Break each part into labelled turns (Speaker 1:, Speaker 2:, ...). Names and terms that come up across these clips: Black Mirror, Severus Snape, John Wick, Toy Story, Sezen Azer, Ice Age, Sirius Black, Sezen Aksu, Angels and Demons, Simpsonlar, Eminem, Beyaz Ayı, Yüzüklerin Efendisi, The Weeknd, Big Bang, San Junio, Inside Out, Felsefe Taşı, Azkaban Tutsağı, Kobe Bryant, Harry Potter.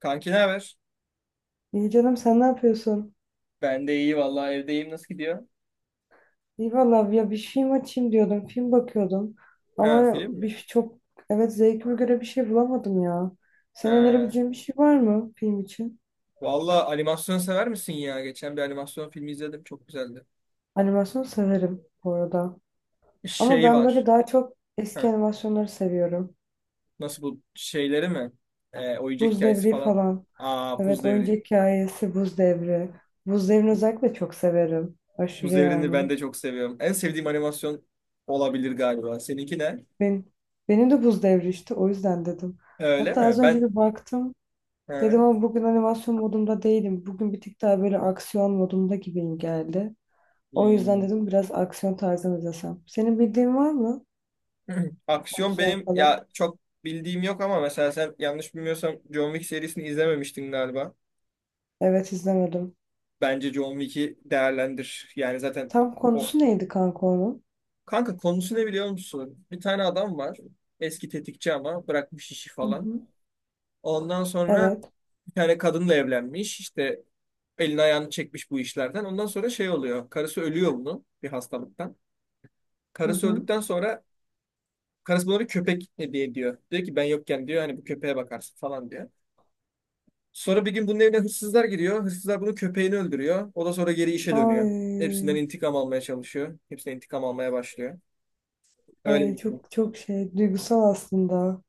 Speaker 1: Kanki ne haber?
Speaker 2: İyi canım, sen ne yapıyorsun?
Speaker 1: Ben de iyi vallahi evdeyim. Nasıl gidiyor?
Speaker 2: İyi valla ya, bir film açayım diyordum. Film bakıyordum.
Speaker 1: Ha,
Speaker 2: Ama
Speaker 1: film mi?
Speaker 2: bir çok evet, zevkime göre bir şey bulamadım ya. Senin
Speaker 1: Ha.
Speaker 2: önerebileceğin bir şey var mı film için?
Speaker 1: Vallahi animasyon sever misin ya? Geçen bir animasyon filmi izledim. Çok güzeldi.
Speaker 2: Animasyon severim bu arada. Ama
Speaker 1: Şey
Speaker 2: ben böyle
Speaker 1: var.
Speaker 2: daha çok eski
Speaker 1: Ha,
Speaker 2: animasyonları seviyorum.
Speaker 1: nasıl bu şeyleri mi? Oyuncak
Speaker 2: Buz
Speaker 1: hikayesi
Speaker 2: Devri
Speaker 1: falan.
Speaker 2: falan.
Speaker 1: Aa, Buz
Speaker 2: Evet,
Speaker 1: Devri.
Speaker 2: oyuncak hikayesi, Buz Devri. Buz Devri'ni özellikle çok severim.
Speaker 1: Buz
Speaker 2: Aşırı
Speaker 1: Devri'ni ben
Speaker 2: yani.
Speaker 1: de çok seviyorum. En sevdiğim animasyon olabilir galiba. Seninki ne?
Speaker 2: Ben, benim de Buz Devri, işte o yüzden dedim.
Speaker 1: Öyle
Speaker 2: Hatta az
Speaker 1: mi?
Speaker 2: önce
Speaker 1: Ben
Speaker 2: bir baktım.
Speaker 1: ha.
Speaker 2: Dedim ama bugün animasyon modumda değilim. Bugün bir tık daha böyle aksiyon modumda gibiyim geldi. O yüzden
Speaker 1: Hmm.
Speaker 2: dedim, biraz aksiyon tarzını izlesem. Senin bildiğin var mı?
Speaker 1: Aksiyon
Speaker 2: Aksiyon
Speaker 1: benim
Speaker 2: falan.
Speaker 1: ya çok bildiğim yok ama mesela sen yanlış bilmiyorsam John Wick serisini izlememiştin galiba.
Speaker 2: Evet, izlemedim.
Speaker 1: Bence John Wick'i değerlendir. Yani zaten
Speaker 2: Tam
Speaker 1: o
Speaker 2: konusu neydi kanka onun?
Speaker 1: kanka konusu ne biliyor musun? Bir tane adam var. Eski tetikçi ama bırakmış işi
Speaker 2: Hı
Speaker 1: falan.
Speaker 2: hı.
Speaker 1: Ondan sonra
Speaker 2: Evet.
Speaker 1: bir tane kadınla evlenmiş. İşte elini ayağını çekmiş bu işlerden. Ondan sonra şey oluyor. Karısı ölüyor bunu bir hastalıktan.
Speaker 2: Hı
Speaker 1: Karısı
Speaker 2: hı.
Speaker 1: öldükten sonra karısı buna bir köpek hediye ediyor. Diyor ki ben yokken diyor hani bu köpeğe bakarsın falan diyor. Sonra bir gün bunun evine hırsızlar giriyor. Hırsızlar bunun köpeğini öldürüyor. O da sonra geri işe dönüyor. Hepsinden
Speaker 2: Ay,
Speaker 1: intikam almaya çalışıyor. Hepsinden intikam almaya başlıyor. Öyle
Speaker 2: ay,
Speaker 1: bir film.
Speaker 2: çok çok şey, duygusal aslında.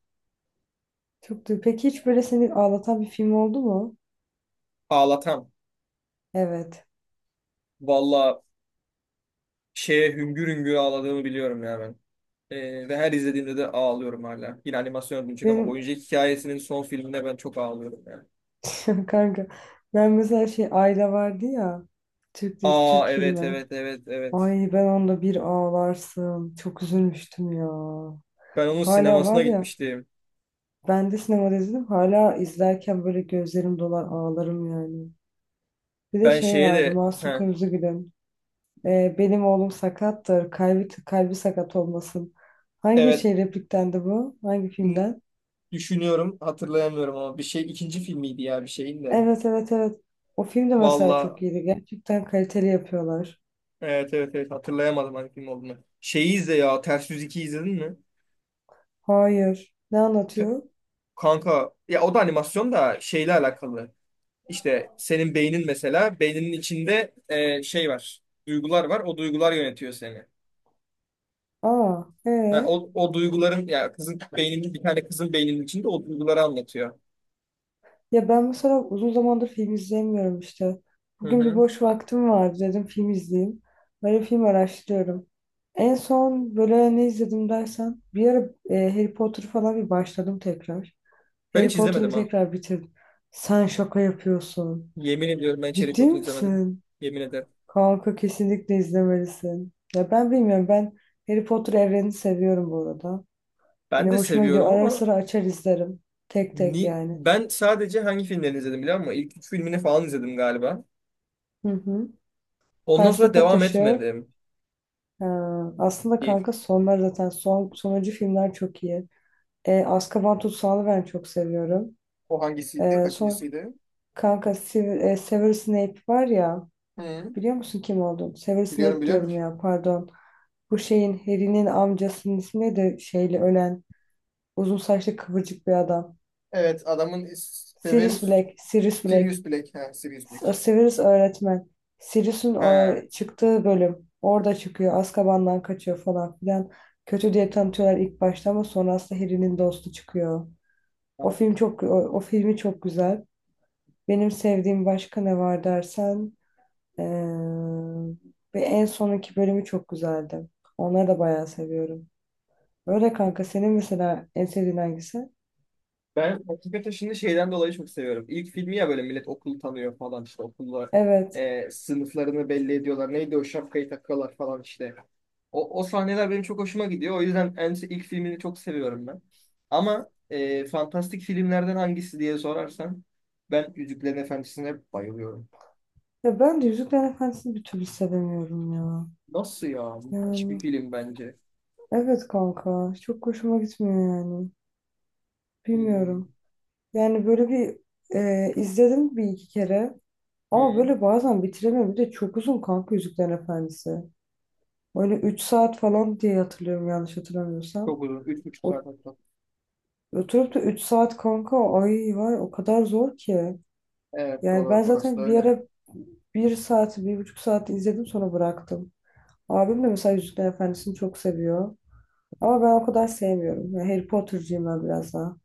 Speaker 2: Çok du Peki hiç böyle seni ağlatan bir film oldu mu?
Speaker 1: Ağlatan.
Speaker 2: Evet.
Speaker 1: Valla şeye hüngür hüngür ağladığımı biliyorum ya ben. Ve her izlediğimde de ağlıyorum hala. Yine animasyon olacak ama
Speaker 2: Benim
Speaker 1: oyuncak hikayesinin son filmine ben çok ağlıyorum yani.
Speaker 2: kanka, ben mesela şey, Ayla vardı ya, Türk dizisi, Türk
Speaker 1: Aa, evet
Speaker 2: filmi.
Speaker 1: evet evet evet.
Speaker 2: Ay ben onda bir ağlarsın. Çok üzülmüştüm ya.
Speaker 1: Ben onun
Speaker 2: Hala
Speaker 1: sinemasına
Speaker 2: var ya.
Speaker 1: gitmiştim.
Speaker 2: Ben de sinemada izledim. Hala izlerken böyle gözlerim dolar, ağlarım yani. Bir de
Speaker 1: Ben
Speaker 2: şey
Speaker 1: şeye
Speaker 2: vardı,
Speaker 1: de
Speaker 2: Masum,
Speaker 1: heh,
Speaker 2: Kırmızıgül'ün. "Benim oğlum sakattır. Kalbi, kalbi sakat olmasın." Hangi
Speaker 1: evet
Speaker 2: şey, repliktendi bu? Hangi
Speaker 1: n-
Speaker 2: filmden?
Speaker 1: düşünüyorum hatırlayamıyorum ama bir şey ikinci filmiydi ya bir şeyin de.
Speaker 2: Evet, evet, evet. O film de mesela
Speaker 1: Valla
Speaker 2: çok iyiydi. Gerçekten kaliteli yapıyorlar.
Speaker 1: evet evet evet hatırlayamadım hangi film olduğunu. Şeyi izle ya, Ters Yüz 2 izledin mi?
Speaker 2: Hayır. Ne
Speaker 1: Te-
Speaker 2: anlatıyor?
Speaker 1: Kanka ya o da animasyon da şeyle alakalı. İşte senin beynin mesela beyninin içinde şey var. Duygular var. O duygular yönetiyor seni.
Speaker 2: Aa,
Speaker 1: Ha,
Speaker 2: ee?
Speaker 1: o, o duyguların ya kızın beyninin bir tane kızın beyninin içinde o duyguları anlatıyor.
Speaker 2: Ya ben mesela uzun zamandır film izleyemiyorum işte.
Speaker 1: Hı
Speaker 2: Bugün bir
Speaker 1: hı.
Speaker 2: boş vaktim vardı, dedim film izleyeyim. Böyle film araştırıyorum. En son böyle ne izledim dersen, bir ara Harry Potter falan bir başladım tekrar.
Speaker 1: Ben
Speaker 2: Harry
Speaker 1: hiç
Speaker 2: Potter'ı bir
Speaker 1: izlemedim ha.
Speaker 2: tekrar bitirdim. Sen şaka yapıyorsun.
Speaker 1: Yemin ediyorum ben Cherry
Speaker 2: Ciddi
Speaker 1: Potter izlemedim.
Speaker 2: misin?
Speaker 1: Yemin ederim.
Speaker 2: Kanka kesinlikle izlemelisin. Ya ben bilmiyorum, ben Harry Potter evrenini seviyorum bu arada. Hani
Speaker 1: Ben de
Speaker 2: hoşuma gidiyor.
Speaker 1: seviyorum
Speaker 2: Ara
Speaker 1: ama
Speaker 2: sıra açar izlerim. Tek tek
Speaker 1: ni
Speaker 2: yani.
Speaker 1: ben sadece hangi filmlerini izledim biliyor musun? İlk üç filmini falan izledim galiba.
Speaker 2: Hı hı.
Speaker 1: Ondan sonra
Speaker 2: Felsefe
Speaker 1: devam
Speaker 2: Taşı.
Speaker 1: etmedim.
Speaker 2: Ha, aslında
Speaker 1: Bir-
Speaker 2: kanka sonlar zaten sonuncu filmler çok iyi. E, Azkaban Tutsağı'nı ben çok seviyorum.
Speaker 1: O hangisiydi?
Speaker 2: E, son
Speaker 1: Kaçıncısıydı?
Speaker 2: kanka Severus Snape var ya,
Speaker 1: Hı.
Speaker 2: biliyor musun kim olduğunu? Severus
Speaker 1: Biliyorum
Speaker 2: Snape
Speaker 1: biliyorum.
Speaker 2: diyorum ya, pardon. Bu şeyin, Harry'nin amcasının ismi de, şeyle ölen uzun saçlı kıvırcık bir adam.
Speaker 1: Evet adamın Severus
Speaker 2: Sirius Black.
Speaker 1: Sirius Black. Ha, Sirius Black.
Speaker 2: Sirius öğretmen. Sirius'un o
Speaker 1: Ha.
Speaker 2: çıktığı bölüm. Orada çıkıyor. Azkaban'dan kaçıyor falan filan. Kötü diye tanıtıyorlar ilk başta, ama sonra aslında Harry'nin dostu çıkıyor. O filmi çok güzel. Benim sevdiğim başka ne var dersen, eee, ve en sonunki bölümü çok güzeldi. Onları da bayağı seviyorum. Öyle kanka, senin mesela en sevdiğin hangisi?
Speaker 1: Ben hakikaten şimdi şeyden dolayı çok seviyorum. İlk filmi ya böyle millet okulu tanıyor falan işte okullar
Speaker 2: Evet.
Speaker 1: sınıflarını belli ediyorlar. Neydi o şapkayı takıyorlar falan işte. O, o sahneler benim çok hoşuma gidiyor. O yüzden en ilk filmini çok seviyorum ben. Ama fantastik filmlerden hangisi diye sorarsan ben Yüzüklerin Efendisi'ne bayılıyorum.
Speaker 2: Ya ben de Yüzüklerin Efendisi'ni bir türlü sevemiyorum ya.
Speaker 1: Nasıl ya? Müthiş
Speaker 2: Yani,
Speaker 1: bir film bence.
Speaker 2: evet kanka. Çok hoşuma gitmiyor yani.
Speaker 1: Hmm.
Speaker 2: Bilmiyorum. Yani böyle bir izledim bir iki kere. Ama
Speaker 1: Hmm.
Speaker 2: böyle bazen bitiremiyorum. Bir de çok uzun kanka Yüzüklerin Efendisi. Böyle 3 saat falan diye hatırlıyorum, yanlış hatırlamıyorsam.
Speaker 1: Çok uzun. Üç buçuk
Speaker 2: O,
Speaker 1: saat hatta.
Speaker 2: oturup da 3 saat kanka, ay vay, o kadar zor ki.
Speaker 1: Evet,
Speaker 2: Yani ben
Speaker 1: orası da
Speaker 2: zaten bir
Speaker 1: öyle.
Speaker 2: ara 1 saat, buçuk saat izledim, sonra bıraktım. Abim de mesela Yüzüklerin Efendisi'ni çok seviyor. Ama ben o kadar sevmiyorum. Yani Harry Potter'cıyım ben biraz daha.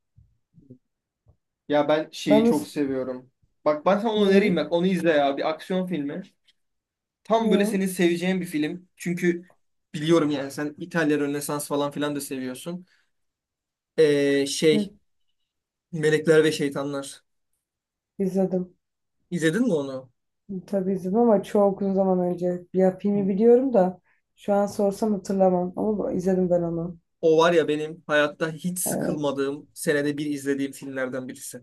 Speaker 1: Ya ben
Speaker 2: Ben
Speaker 1: şeyi çok
Speaker 2: mesela...
Speaker 1: seviyorum. Bak ben sana onu önereyim,
Speaker 2: Neyi?
Speaker 1: bak onu izle ya, bir aksiyon filmi. Tam
Speaker 2: Ne
Speaker 1: böyle
Speaker 2: ya?
Speaker 1: senin seveceğin bir film. Çünkü biliyorum yani sen İtalya Rönesans falan filan da seviyorsun.
Speaker 2: Ne?
Speaker 1: Şey, Melekler ve Şeytanlar.
Speaker 2: İzledim.
Speaker 1: İzledin mi onu?
Speaker 2: Tabii izledim, ama çok uzun zaman önce. Ya filmi biliyorum da şu an sorsam hatırlamam. Ama izledim ben onu.
Speaker 1: O var ya benim hayatta hiç
Speaker 2: Evet.
Speaker 1: sıkılmadığım senede bir izlediğim filmlerden birisi.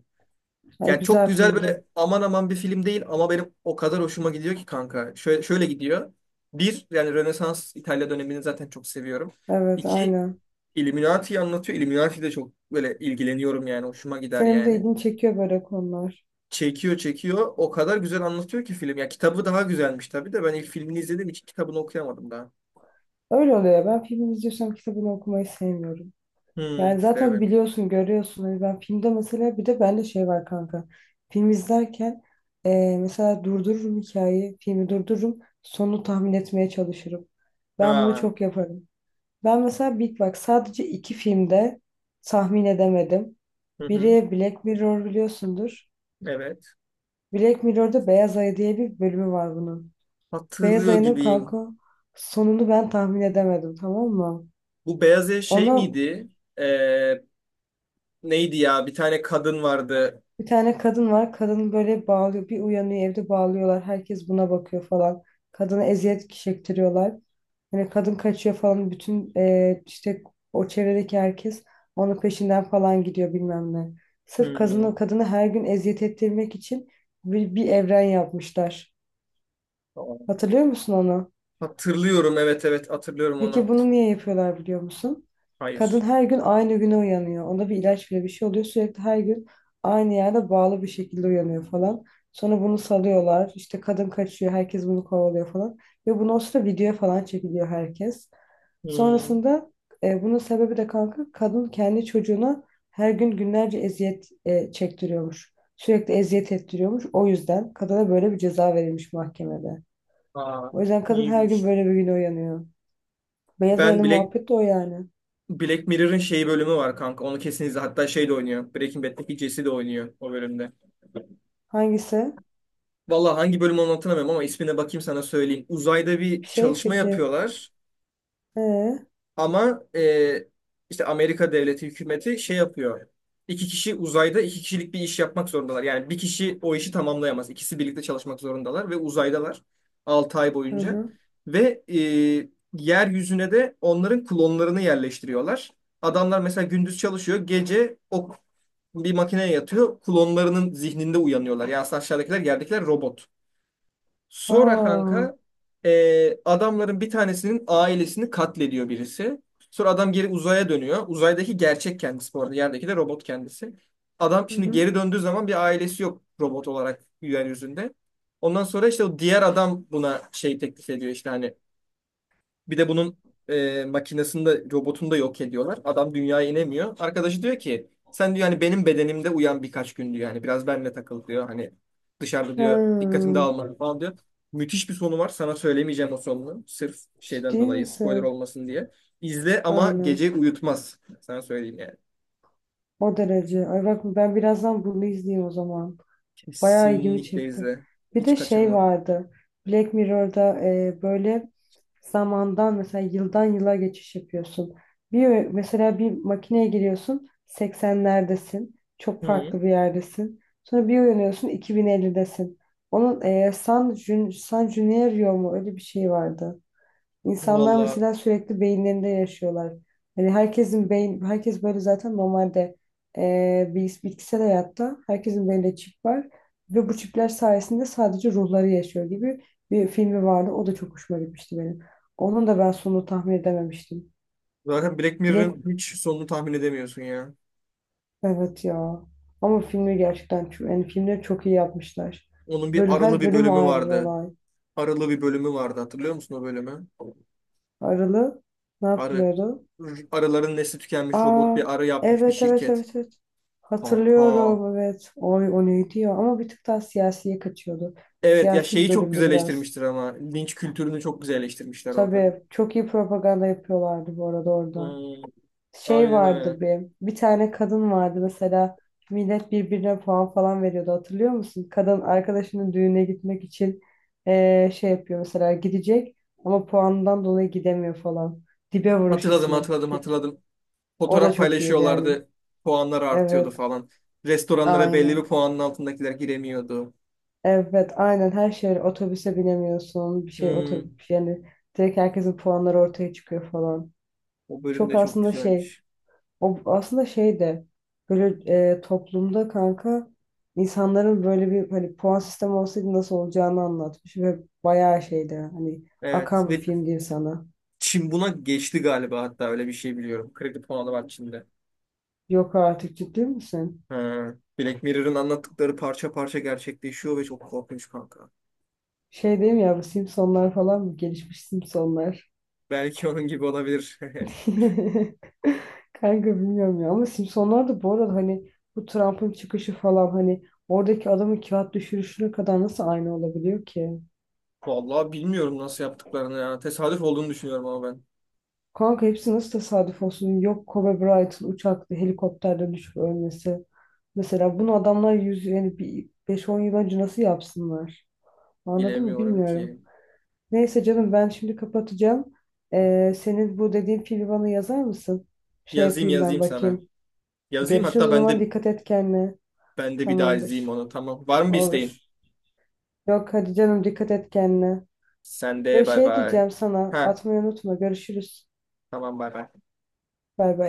Speaker 2: Ay,
Speaker 1: Yani çok
Speaker 2: güzel
Speaker 1: güzel
Speaker 2: filmdi.
Speaker 1: böyle aman aman bir film değil ama benim o kadar hoşuma gidiyor ki kanka. Şöyle, şöyle gidiyor. Bir yani Rönesans İtalya dönemini zaten çok seviyorum.
Speaker 2: Evet,
Speaker 1: İki,
Speaker 2: aynen.
Speaker 1: Illuminati'yi anlatıyor. Illuminati de çok böyle ilgileniyorum yani. Hoşuma gider
Speaker 2: Senin de
Speaker 1: yani.
Speaker 2: ilgini çekiyor böyle konular.
Speaker 1: Çekiyor çekiyor. O kadar güzel anlatıyor ki film. Ya kitabı daha güzelmiş tabii de ben ilk filmini izlediğim için kitabını okuyamadım daha.
Speaker 2: Öyle oluyor ya. Ben filmi izliyorsam kitabını okumayı sevmiyorum.
Speaker 1: Hmm,
Speaker 2: Yani
Speaker 1: işte
Speaker 2: zaten
Speaker 1: evet.
Speaker 2: biliyorsun, görüyorsun. Hani ben filmde mesela, bir de bende şey var kanka. Film izlerken mesela durdururum hikayeyi. Filmi durdururum. Sonunu tahmin etmeye çalışırım. Ben bunu
Speaker 1: Aa,
Speaker 2: çok yaparım. Ben mesela Big Bang, sadece iki filmde tahmin edemedim.
Speaker 1: hı hı,
Speaker 2: Biri Black Mirror, biliyorsundur.
Speaker 1: evet.
Speaker 2: Black Mirror'da Beyaz Ayı diye bir bölümü var bunun. Beyaz
Speaker 1: Hatırlıyor
Speaker 2: Ayı'nın
Speaker 1: gibiyim.
Speaker 2: kanka sonunu ben tahmin edemedim, tamam mı?
Speaker 1: Bu beyaz ev şey
Speaker 2: Ona.
Speaker 1: miydi? Ee, Neydi ya? Bir tane kadın vardı.
Speaker 2: Bir tane kadın var. Kadın böyle bağlıyor. Bir uyanıyor, evde bağlıyorlar. Herkes buna bakıyor falan. Kadına eziyet çektiriyorlar. Hani kadın kaçıyor falan. Bütün işte o çevredeki herkes onun peşinden falan gidiyor, bilmem ne. Sırf
Speaker 1: Hmm,
Speaker 2: kadını her gün eziyet ettirmek için bir evren yapmışlar.
Speaker 1: tamam.
Speaker 2: Hatırlıyor musun onu?
Speaker 1: Hatırlıyorum, evet evet hatırlıyorum
Speaker 2: Peki
Speaker 1: onu.
Speaker 2: bunu niye yapıyorlar, biliyor musun?
Speaker 1: Hayır.
Speaker 2: Kadın her gün aynı güne uyanıyor. Ona bir ilaç bile bir şey oluyor. Sürekli her gün aynı yerde bağlı bir şekilde uyanıyor falan. Sonra bunu salıyorlar. İşte kadın kaçıyor. Herkes bunu kovalıyor falan. Ve bunu o sırada videoya falan çekiliyor herkes.
Speaker 1: Hmm,
Speaker 2: Sonrasında bunun sebebi de kanka, kadın kendi çocuğuna her gün günlerce eziyet çektiriyormuş. Sürekli eziyet ettiriyormuş. O yüzden kadına böyle bir ceza verilmiş mahkemede.
Speaker 1: aa,
Speaker 2: O yüzden kadın her
Speaker 1: iyiymiş.
Speaker 2: gün böyle bir güne uyanıyor. Beyaz
Speaker 1: Ben
Speaker 2: ayının
Speaker 1: Black
Speaker 2: muhabbeti de o yani.
Speaker 1: Black Mirror'ın şey bölümü var kanka. Onu kesin izle. Hatta şey de oynuyor. Breaking Bad'deki Jesse de oynuyor o bölümde.
Speaker 2: Hangisi?
Speaker 1: Vallahi hangi bölüm olduğunu hatırlamıyorum ama ismine bakayım sana söyleyeyim. Uzayda bir
Speaker 2: Şey,
Speaker 1: çalışma
Speaker 2: peki.
Speaker 1: yapıyorlar.
Speaker 2: Ee,
Speaker 1: Ama işte Amerika devleti hükümeti şey yapıyor. İki kişi uzayda iki kişilik bir iş yapmak zorundalar. Yani bir kişi o işi tamamlayamaz. İkisi birlikte çalışmak zorundalar ve uzaydalar 6 ay
Speaker 2: hı
Speaker 1: boyunca.
Speaker 2: hı.
Speaker 1: Ve yeryüzüne de onların klonlarını yerleştiriyorlar. Adamlar mesela gündüz çalışıyor, gece o bir makineye yatıyor, klonlarının zihninde uyanıyorlar. Yani aslında aşağıdakiler, yerdekiler robot. Sonra
Speaker 2: Aa,
Speaker 1: kanka adamların bir tanesinin ailesini katlediyor birisi. Sonra adam geri uzaya dönüyor. Uzaydaki gerçek kendisi bu arada. Yerdeki de robot kendisi. Adam
Speaker 2: hı
Speaker 1: şimdi
Speaker 2: hı.
Speaker 1: geri döndüğü zaman bir ailesi yok robot olarak yeryüzünde. Ondan sonra işte o diğer adam buna şey teklif ediyor işte hani bir de bunun makinesini de robotunu da yok ediyorlar. Adam dünyaya inemiyor. Arkadaşı diyor ki sen diyor hani benim bedenimde uyan birkaç gün diyor. Hani biraz benimle takıl diyor. Hani dışarıda
Speaker 2: Ha,
Speaker 1: diyor dikkatini dağılma falan diyor. Müthiş bir sonu var. Sana söylemeyeceğim o sonunu. Sırf
Speaker 2: ciddi
Speaker 1: şeyden dolayı spoiler
Speaker 2: misin?
Speaker 1: olmasın diye. İzle ama
Speaker 2: Aynen.
Speaker 1: gece uyutmaz. Sana söyleyeyim yani.
Speaker 2: O derece. Ay bak, ben birazdan bunu izleyeyim o zaman. Bayağı ilgimi
Speaker 1: Kesinlikle
Speaker 2: çekti.
Speaker 1: izle.
Speaker 2: Bir
Speaker 1: Hiç
Speaker 2: de şey
Speaker 1: kaçırma.
Speaker 2: vardı. Black Mirror'da böyle zamandan, mesela yıldan yıla geçiş yapıyorsun. Bir makineye giriyorsun, 80'lerdesin. Çok
Speaker 1: Hı.
Speaker 2: farklı bir yerdesin. Sonra bir uyanıyorsun 2050'desin. Onun San Junio mu, öyle bir şey vardı. İnsanlar
Speaker 1: Vallahi
Speaker 2: mesela sürekli beyinlerinde yaşıyorlar. Herkes böyle zaten normalde bitkisel hayatta herkesin beyninde çip var ve bu çipler sayesinde sadece ruhları yaşıyor gibi bir filmi vardı. O da çok hoşuma gitmişti benim. Onun da ben sonunu tahmin edememiştim.
Speaker 1: zaten Black
Speaker 2: Black
Speaker 1: Mirror'ın hiç sonunu tahmin edemiyorsun ya.
Speaker 2: evet ya. Ama filmi gerçekten çok, yani filmleri çok iyi yapmışlar.
Speaker 1: Onun bir
Speaker 2: Böyle
Speaker 1: aralı
Speaker 2: her
Speaker 1: bir
Speaker 2: bölüm
Speaker 1: bölümü
Speaker 2: ayrı bir
Speaker 1: vardı.
Speaker 2: olay.
Speaker 1: Arılı bir bölümü vardı, hatırlıyor musun o bölümü?
Speaker 2: Aralı ne
Speaker 1: Arı.
Speaker 2: yapıyordu?
Speaker 1: Arıların nesli tükenmiş, robot
Speaker 2: Aa,
Speaker 1: bir arı yapmış bir
Speaker 2: evet, evet,
Speaker 1: şirket.
Speaker 2: evet, evet.
Speaker 1: Kanka.
Speaker 2: Hatırlıyorum, evet. Oy, o neydi ya? Ama bir tık daha siyasiye kaçıyordu.
Speaker 1: Evet ya,
Speaker 2: Siyasi bir
Speaker 1: şeyi çok
Speaker 2: bölümdü biraz.
Speaker 1: güzelleştirmiştir ama linç kültürünü çok güzelleştirmişler orada.
Speaker 2: Tabii çok iyi propaganda yapıyorlardı bu arada orada.
Speaker 1: Hmm,
Speaker 2: Şey
Speaker 1: aynen
Speaker 2: vardı
Speaker 1: öyle.
Speaker 2: bir. Bir tane kadın vardı mesela. Millet birbirine puan falan veriyordu, hatırlıyor musun? Kadın arkadaşının düğüne gitmek için şey yapıyor mesela, gidecek ama puandan dolayı gidemiyor falan. Dibe Vuruş
Speaker 1: Hatırladım
Speaker 2: ismi.
Speaker 1: hatırladım hatırladım.
Speaker 2: O da
Speaker 1: Fotoğraf
Speaker 2: çok iyiydi yani.
Speaker 1: paylaşıyorlardı. Puanlar artıyordu
Speaker 2: Evet.
Speaker 1: falan. Restoranlara belli bir
Speaker 2: Aynen.
Speaker 1: puanın altındakiler giremiyordu.
Speaker 2: Evet, aynen, her şey öyle. Otobüse binemiyorsun, bir şey
Speaker 1: Hmm,
Speaker 2: otobüs yani direkt herkesin puanları ortaya çıkıyor falan.
Speaker 1: o bölüm
Speaker 2: Çok
Speaker 1: de çok
Speaker 2: aslında şey,
Speaker 1: güzelmiş.
Speaker 2: o aslında şey de böyle toplumda kanka, insanların böyle bir, hani puan sistemi olsaydı nasıl olacağını anlatmış ve bayağı şeydi, hani
Speaker 1: Evet
Speaker 2: akan bir
Speaker 1: ve
Speaker 2: film diyeyim sana.
Speaker 1: Çin buna geçti galiba, hatta öyle bir şey biliyorum. Kredi puanı var Çin'de.
Speaker 2: Yok artık, ciddi misin?
Speaker 1: Ha, Black Mirror'ın anlattıkları parça parça gerçekleşiyor ve çok korkunç kanka.
Speaker 2: Şey diyeyim ya, bu Simpsonlar falan mı? Gelişmiş Simpsonlar.
Speaker 1: Belki onun gibi olabilir.
Speaker 2: Kanka bilmiyorum ya, ama Simpsonlar da bu arada, hani bu Trump'ın çıkışı falan, hani oradaki adamın kağıt düşürüşüne kadar nasıl aynı olabiliyor ki?
Speaker 1: Vallahi bilmiyorum nasıl yaptıklarını ya. Tesadüf olduğunu düşünüyorum ama ben
Speaker 2: Kanka hepsi nasıl tesadüf olsun? Yok, Kobe Bryant'ın uçakta, helikopterden düşüp ölmesi. Mesela bunu adamlar yüz yani bir 5 10 yıl önce nasıl yapsınlar? Anladın mı,
Speaker 1: bilemiyorum
Speaker 2: bilmiyorum.
Speaker 1: ki.
Speaker 2: Neyse canım, ben şimdi kapatacağım. Senin bu dediğin filmi bana yazar mısın? Şey
Speaker 1: Yazayım
Speaker 2: yapayım, ben
Speaker 1: yazayım sana.
Speaker 2: bakayım.
Speaker 1: Yazayım
Speaker 2: Görüşürüz
Speaker 1: hatta
Speaker 2: o
Speaker 1: ben
Speaker 2: zaman,
Speaker 1: de
Speaker 2: dikkat et kendine.
Speaker 1: ben de bir daha izleyeyim
Speaker 2: Tamamdır.
Speaker 1: onu. Tamam. Var mı bir isteğin?
Speaker 2: Olur. Yok hadi canım, dikkat et kendine.
Speaker 1: Sen de
Speaker 2: Ve
Speaker 1: bay
Speaker 2: şey,
Speaker 1: bay.
Speaker 2: diyeceğim sana,
Speaker 1: Ha,
Speaker 2: atmayı unutma. Görüşürüz.
Speaker 1: tamam bay bay.
Speaker 2: Bay bay.